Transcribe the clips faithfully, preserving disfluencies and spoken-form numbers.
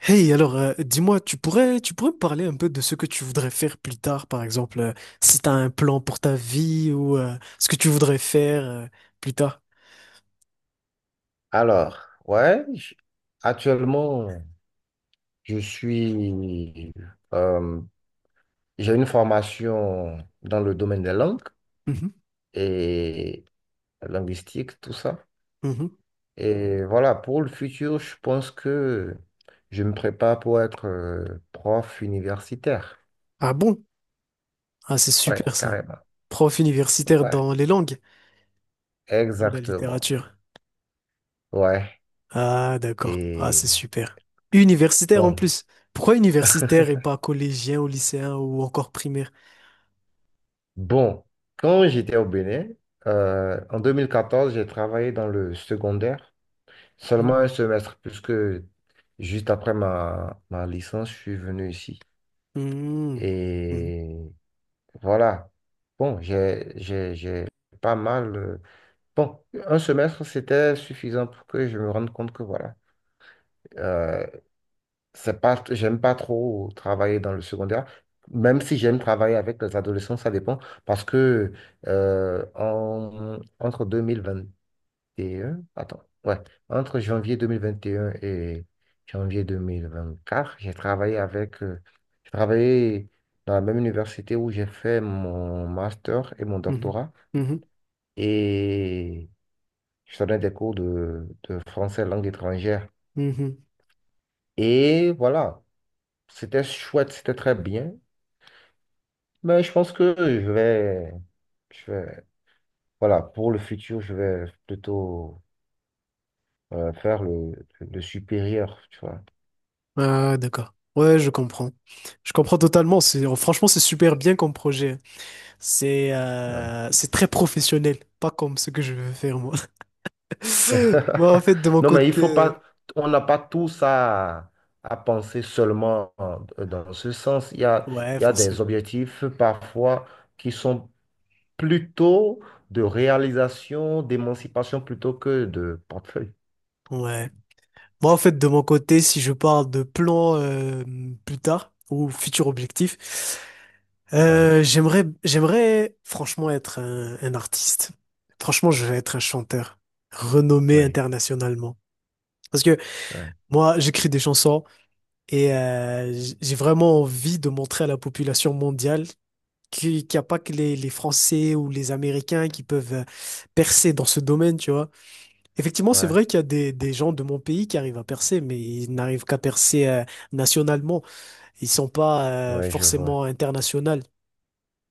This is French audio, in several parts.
Hey, alors, euh, dis-moi, tu pourrais, tu pourrais me parler un peu de ce que tu voudrais faire plus tard, par exemple, euh, si tu as un plan pour ta vie ou euh, ce que tu voudrais faire euh, plus tard. Alors, ouais, j- actuellement, je suis, euh, j'ai une formation dans le domaine des langues Mhm, et linguistique, tout ça. mhm. Et voilà, pour le futur, je pense que je me prépare pour être euh, prof universitaire. Ah bon? Ah, c'est Ouais, super ça. carrément. Prof universitaire Ouais, dans les langues ou la exactement. littérature. Ouais. Ah, d'accord. Ah, c'est Et super. Universitaire en bon, plus. Pourquoi universitaire et pas collégien ou lycéen ou encore primaire? bon, quand j'étais au Bénin, euh, en deux mille quatorze, j'ai travaillé dans le secondaire. Seulement Mhm. un semestre, puisque juste après ma, ma licence, je suis venu ici. Mhm. Mhm. Et voilà. Bon, j'ai, j'ai, j'ai pas mal. euh, Bon, un semestre, c'était suffisant pour que je me rende compte que voilà. euh, c'est pas, J'aime pas trop travailler dans le secondaire, même si j'aime travailler avec les adolescents, ça dépend. Parce que euh, en- entre deux mille vingt deux mille vingt et un, attends, ouais, entre janvier deux mille vingt et un et un et janvier deux mille vingt-quatre, j'ai travaillé avec, euh, j'ai travaillé dans la même université où j'ai fait mon master et mon doctorat Mhm. et je donnais des cours de, de français langue étrangère. Mhm. Mhm. Et voilà, c'était chouette, c'était très bien, mais je pense que je vais, je vais, voilà, pour le futur, je vais plutôt euh, faire le, le supérieur, tu vois. Ah, d'accord. Ouais, je comprends. Je comprends totalement. C'est, franchement, c'est super bien comme projet, hein. C'est Ouais. Euh, c'est très professionnel, pas comme ce que je veux faire moi. Moi, en fait, de mon Non, mais il côté, faut pas, euh, on n'a pas tous à, à penser seulement euh, dans ce sens. Il y a, ouais, Il y a des forcément. objectifs parfois qui sont plutôt de réalisation, d'émancipation plutôt que de portefeuille. Ouais. Moi, en fait, de mon côté, si je parle de plan euh, plus tard ou futur objectif, Ouais, euh, j'aimerais, j'aimerais franchement être un, un artiste. Franchement, je vais être un chanteur renommé oui, internationalement. Parce que oui, moi, j'écris des chansons. Et euh, j- j'ai vraiment envie de montrer à la population mondiale qu'il n'y a pas que les, les Français ou les Américains qui peuvent euh, percer dans ce domaine, tu vois. Effectivement, c'est ouais, vrai qu'il y a des, des gens de mon pays qui arrivent à percer, mais ils n'arrivent qu'à percer euh, nationalement. Ils sont pas euh, oui, je vois. forcément internationaux.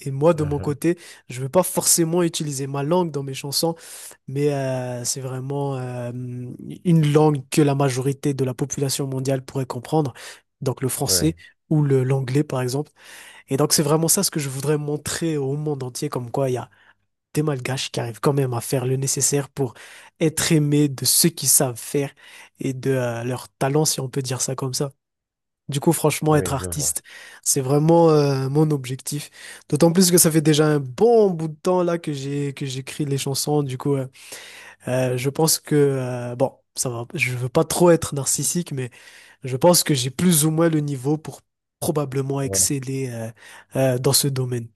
Et moi, de mon Mhm, côté, je ne veux pas forcément utiliser ma langue dans mes chansons, mais euh, c'est vraiment euh, une langue que la majorité de la population mondiale pourrait comprendre, donc le français oui, ou le l'anglais, par exemple. Et donc, c'est vraiment ça ce que je voudrais montrer au monde entier, comme quoi il y a des Malgaches qui arrivent quand même à faire le nécessaire pour être aimés de ceux qui savent faire et de euh, leur talent, si on peut dire ça comme ça. Du coup, franchement, être oui, je vois. artiste, c'est vraiment euh, mon objectif. D'autant plus que ça fait déjà un bon bout de temps là que j'ai que j'écris les chansons. Du coup, euh, euh, je pense que euh, bon, ça va. Je veux pas trop être narcissique, mais je pense que j'ai plus ou moins le niveau pour probablement Ouais, exceller euh, euh, dans ce domaine.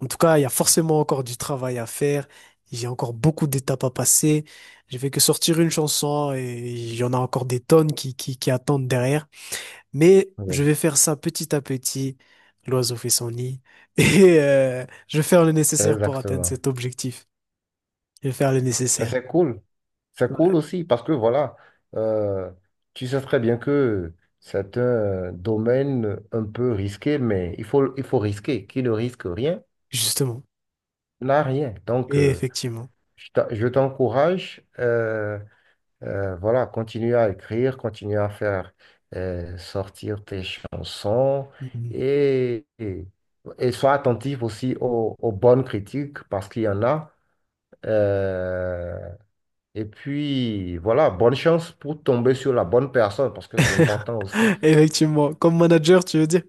En tout cas, il y a forcément encore du travail à faire. J'ai encore beaucoup d'étapes à passer. J'ai fait que sortir une chanson et il y en a encore des tonnes qui qui, qui attendent derrière. Mais oui, je vais faire ça petit à petit. L'oiseau fait son nid. Et euh, je vais faire le nécessaire pour atteindre exactement. cet objectif. Je vais faire le Ben, nécessaire. c'est cool. C'est cool Ouais, aussi parce que voilà, euh, tu sais très bien que c'est un domaine un peu risqué, mais il faut, il faut risquer. Qui ne risque rien justement. n'a rien. Donc, Et euh, effectivement. je t'en- je t'encourage, euh, euh, voilà, continue à écrire, continue à faire euh, sortir tes chansons Mhm. et, et, et sois attentif aussi aux, aux bonnes critiques parce qu'il y en a. Euh, Et puis, voilà, bonne chance pour tomber sur la bonne personne parce que c'est important aussi. Effectivement. Comme manager, tu veux dire?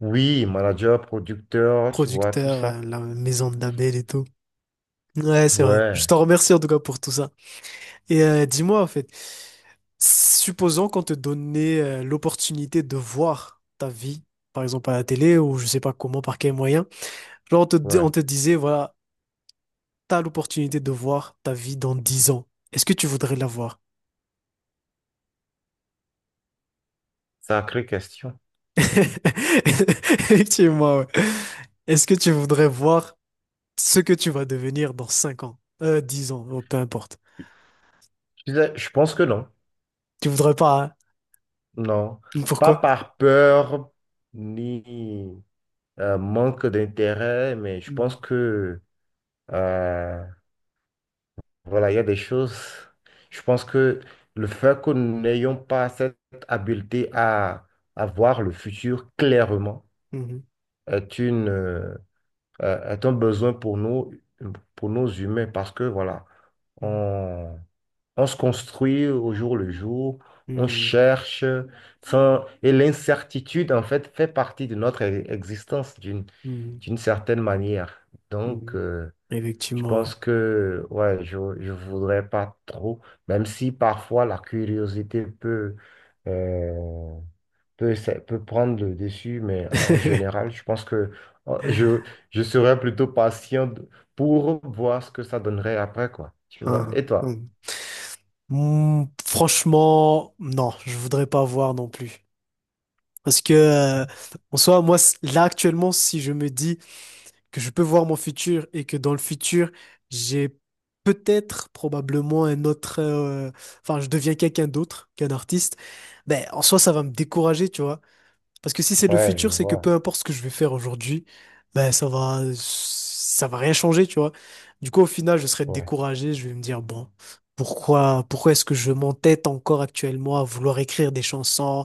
Oui, manager, producteur, tu vois, tout Producteur, euh, ça. la maison de label et tout. Ouais, c'est vrai. Je Ouais, t'en remercie en tout cas pour tout ça. Et euh, dis-moi, en fait, supposons qu'on te donnait euh, l'opportunité de voir ta vie, par exemple à la télé ou je sais pas comment, par quel moyen. Genre, on te, di- ouais. on te disait, voilà. T'as l'opportunité de voir ta vie dans dix ans. Est-ce que tu voudrais la voir? Sacrée question. Effectivement, ouais. Est-ce que tu voudrais voir ce que tu vas devenir dans cinq ans? Euh, dix ans, oh, peu importe. Je disais, je pense que non. Tu voudrais pas, hein? Non. Pas Pourquoi? par peur ni euh, manque d'intérêt, mais je Mhm. pense que, euh, voilà, il y a des choses. Je pense que le fait que nous n'ayons pas cette habileté à, à voir le futur clairement Mhm. est une. Euh, euh, est un besoin pour nous, pour nos humains, parce que voilà, on, on se construit au jour le jour, on Mhm. cherche, enfin, et l'incertitude, en fait, fait partie de notre e- existence d'une Mhm. d'une certaine manière. Donc, Mhm. euh, je Effectivement, ouais. pense que, ouais, je ne voudrais pas trop, même si parfois la curiosité peut, euh, peut, ça peut prendre le dessus, mais en général, je pense que euh, je, je serais plutôt patient de- pour voir ce que ça donnerait après, quoi. Tu vois? Hein, Et toi? hein. Mm, franchement, non, je voudrais pas voir non plus. Parce que, euh, en soi, moi, c- là, actuellement, si je me dis, que je peux voir mon futur et que dans le futur, j'ai peut-être, probablement un autre, euh, enfin, je deviens quelqu'un d'autre qu'un artiste, ben, en soi, ça va me décourager, tu vois. Parce que si c'est le Ouais, je futur, c'est que peu vois. importe ce que je vais faire aujourd'hui, ben ça va, ça va rien changer, tu vois. Du coup, au final, je serai Ouais, découragé. Je vais me dire, bon, pourquoi, pourquoi est-ce que je m'entête encore actuellement à vouloir écrire des chansons,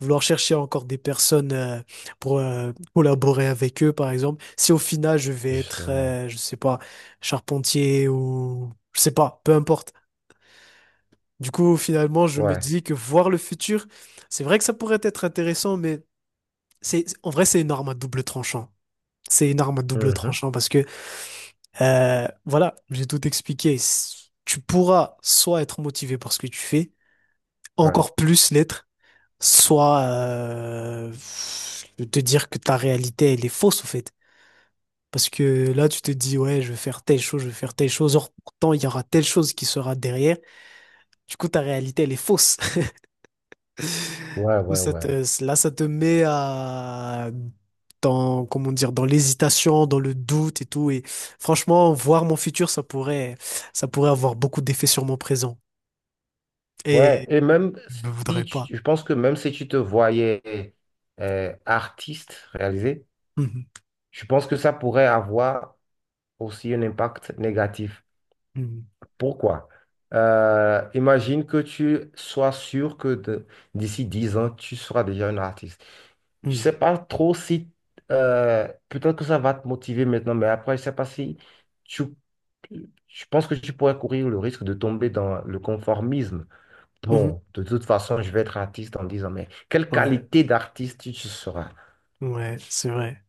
vouloir chercher encore des personnes euh, pour euh, collaborer avec eux, par exemple, si au final je vais être, justement. euh, je sais pas, charpentier ou je sais pas, peu importe. Du coup, finalement, je me Ouais. dis que voir le futur, c'est vrai que ça pourrait être intéressant, mais c'est, en vrai, c'est une arme à double tranchant. C'est une arme à double Mhm. tranchant parce que, euh, voilà, j'ai tout expliqué. S- Tu pourras soit être motivé par ce que tu fais, Ouais. encore plus l'être, soit euh, te dire que ta réalité, elle est fausse, au fait. Parce que là, tu te dis, ouais, je vais faire telle chose, je vais faire telle chose. Or, pourtant, il y aura telle chose qui sera derrière. Du coup, ta réalité, elle est fausse. Ouais, Ou ouais, ça ouais. te- là, ça te met à, dans, comment dire, dans l'hésitation, dans le doute et tout. Et franchement, voir mon futur, ça pourrait, ça pourrait avoir beaucoup d'effets sur mon présent. Ouais. Et Et même je ne voudrais si pas. tu- je pense que même si tu te voyais euh, artiste réalisé, Mhm, je pense que ça pourrait avoir aussi un impact négatif. mhm, Pourquoi? Euh, imagine que tu sois sûr que de- d'ici dix ans, tu seras déjà un artiste. Je sais pas trop si, euh, peut-être que ça va te motiver maintenant, mais après, je sais pas si tu, je pense que tu pourrais courir le risque de tomber dans le conformisme. mhm, mhm. Bon, de toute façon, je vais être artiste en dix ans, mais quelle Ouais, qualité d'artiste tu seras? ouais, c'est vrai.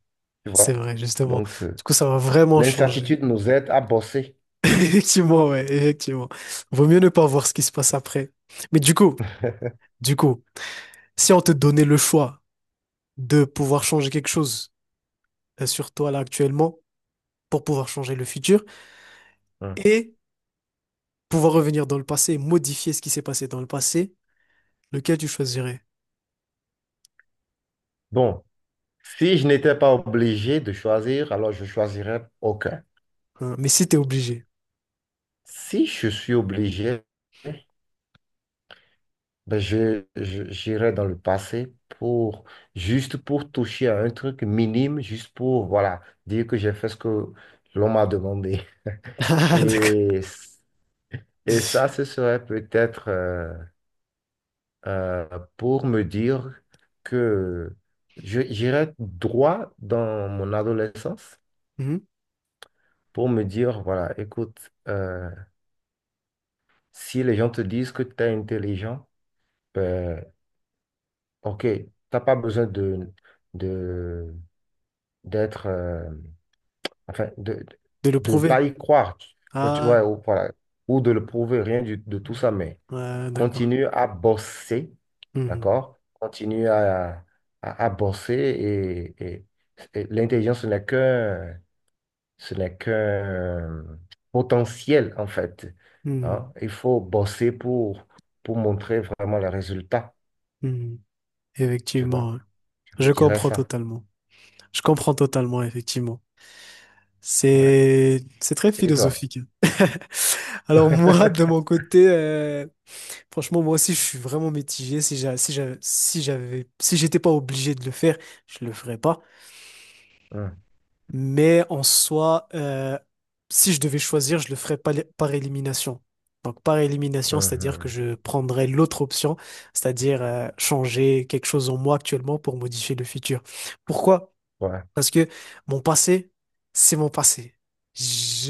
Tu vois? C'est vrai, justement. Donc, euh, Du coup, ça va vraiment changer. l'incertitude nous aide à bosser. Effectivement, ouais, effectivement. Vaut mieux ne pas voir ce qui se passe après. Mais du coup, du coup, si on te donnait le choix de pouvoir changer quelque chose euh, sur toi là actuellement, pour pouvoir changer le futur Hein. et pouvoir revenir dans le passé, modifier ce qui s'est passé dans le passé, lequel tu choisirais? Bon. Si je n'étais pas obligé de choisir, alors je choisirais aucun. Hein, mais si t'es obligé. Si je suis obligé, ben je, je- j'irais dans le passé pour juste pour toucher à un truc minime, juste pour voilà, dire que j'ai fait ce que l'on m'a demandé. Ah, d'accord. Et, et ça, ce serait peut-être euh, euh, pour me dire que je, j'irais droit dans mon adolescence Mhm. pour me dire, voilà, écoute, euh, si les gens te disent que tu es intelligent, ben, ok, tu n'as pas besoin de, de, d'être, euh, enfin, de, De le de prouver. pas y croire, tu ouais, tu Ah, vois, ou, voilà, ou de le prouver, rien du- de tout ça, mais ouais, d'accord. continue à bosser, Mhm. d'accord? Continue à, à, à bosser et, et- et l'intelligence n'est qu'un Ce n'est qu'un potentiel, en fait. Mhm. Hein. Il faut bosser pour, pour montrer vraiment les résultats, Mhm. tu Effectivement, vois. ouais. Je me Je dirais comprends ça. totalement. Je comprends totalement, effectivement. Ouais. C'est c'est très Et toi? philosophique, hein. Alors moi, de mon côté, euh, franchement, moi aussi, je suis vraiment mitigé. Si j'a- si j'a- si j'avais, si j'étais pas obligé de le faire, je le ferais pas. Hum, Mais en soi, euh, si je devais choisir, je le ferais pas par élimination. Donc par élimination, c'est-à-dire que mhm. je prendrais l'autre option, c'est-à-dire euh, changer quelque chose en moi actuellement pour modifier le futur. Pourquoi? Ouais, Parce que mon passé, c'est mon passé.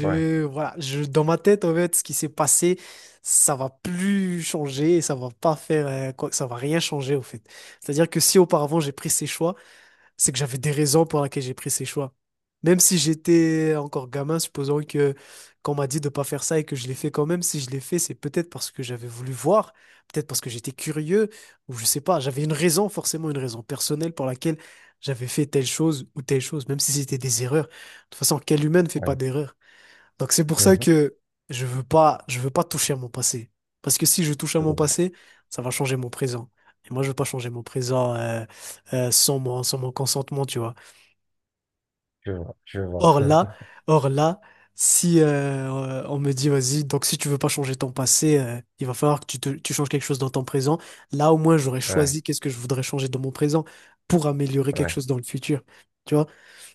ouais, voilà, je, dans ma tête, en fait, ce qui s'est passé, ça va plus changer et ça va pas faire, euh, quoi- ça va rien changer, au fait. C'est-à-dire que si auparavant j'ai pris ces choix, c'est que j'avais des raisons pour lesquelles j'ai pris ces choix. Même si j'étais encore gamin, supposons que qu'on m'a dit de pas faire ça et que je l'ai fait quand même, si je l'ai fait, c'est peut-être parce que j'avais voulu voir, peut-être parce que j'étais curieux, ou je sais pas, j'avais une raison, forcément une raison personnelle pour laquelle j'avais fait telle chose ou telle chose, même si c'était des erreurs. De toute façon, quel humain ne fait pas ouais. d'erreur? Donc c'est pour ça Mhm. que je veux pas, je veux pas toucher à mon passé. Parce que si je touche à Je mon vois, passé, ça va changer mon présent. Et moi, je veux pas changer mon présent euh, euh, sans mon, sans mon consentement, tu vois. je vois, je vois. Or là, or là, si euh, euh, on me dit, vas-y, donc si tu veux pas changer ton passé, euh, il va falloir que tu, te- tu changes quelque chose dans ton présent. Là, au moins, j'aurais Ouais, choisi qu'est-ce que je voudrais changer dans mon présent pour améliorer quelque ouais, chose dans le futur. Tu vois.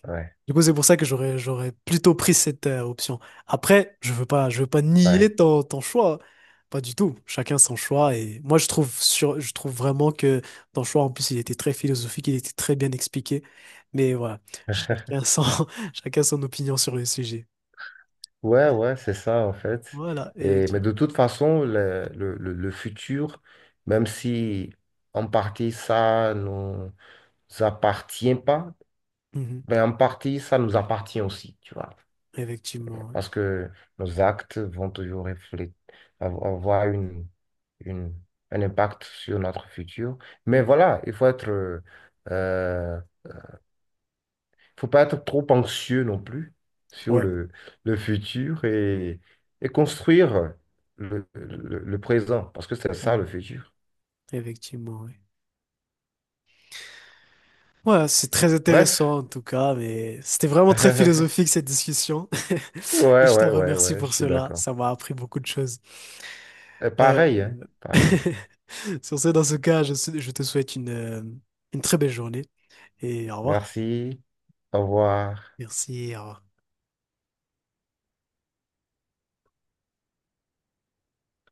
ouais, Du coup, c'est pour ça que j'aurais j'aurais plutôt pris cette euh, option. Après, je veux pas je veux pas nier ouais. ton, ton choix, hein. Pas du tout. Chacun son choix et moi je trouve sur je trouve vraiment que ton choix en plus il était très philosophique, il était très bien expliqué. Mais voilà, chacun son chacun son opinion sur le sujet. Ouais, ouais, c'est ça en fait. Voilà, Et, mais de effectivement. toute façon, le, le, le- le futur, même si en partie ça nous appartient pas, Mhm. ben, en partie, ça nous appartient aussi, tu vois. Effectivement, ouais. Parce que nos actes vont toujours refléter, av- avoir une, une, un impact sur notre futur. Mais Mm. voilà, il faut être, euh, euh, faut pas être trop anxieux non plus sur Ouais. le, le futur et, et construire le, le, le présent, parce que c'est ça Mm. le futur. Effectivement, ouais. Ouais, c'est très Bref. intéressant en tout cas, mais c'était vraiment très philosophique cette discussion. Et Ouais, je t'en ouais, ouais, remercie ouais, je pour suis cela, d'accord. ça m'a appris beaucoup de choses. Et Euh, pareil, hein, pareil. sur ce, dans ce cas, je, je te souhaite une, euh, une très belle journée et au revoir. Merci. Au revoir. Merci, au revoir.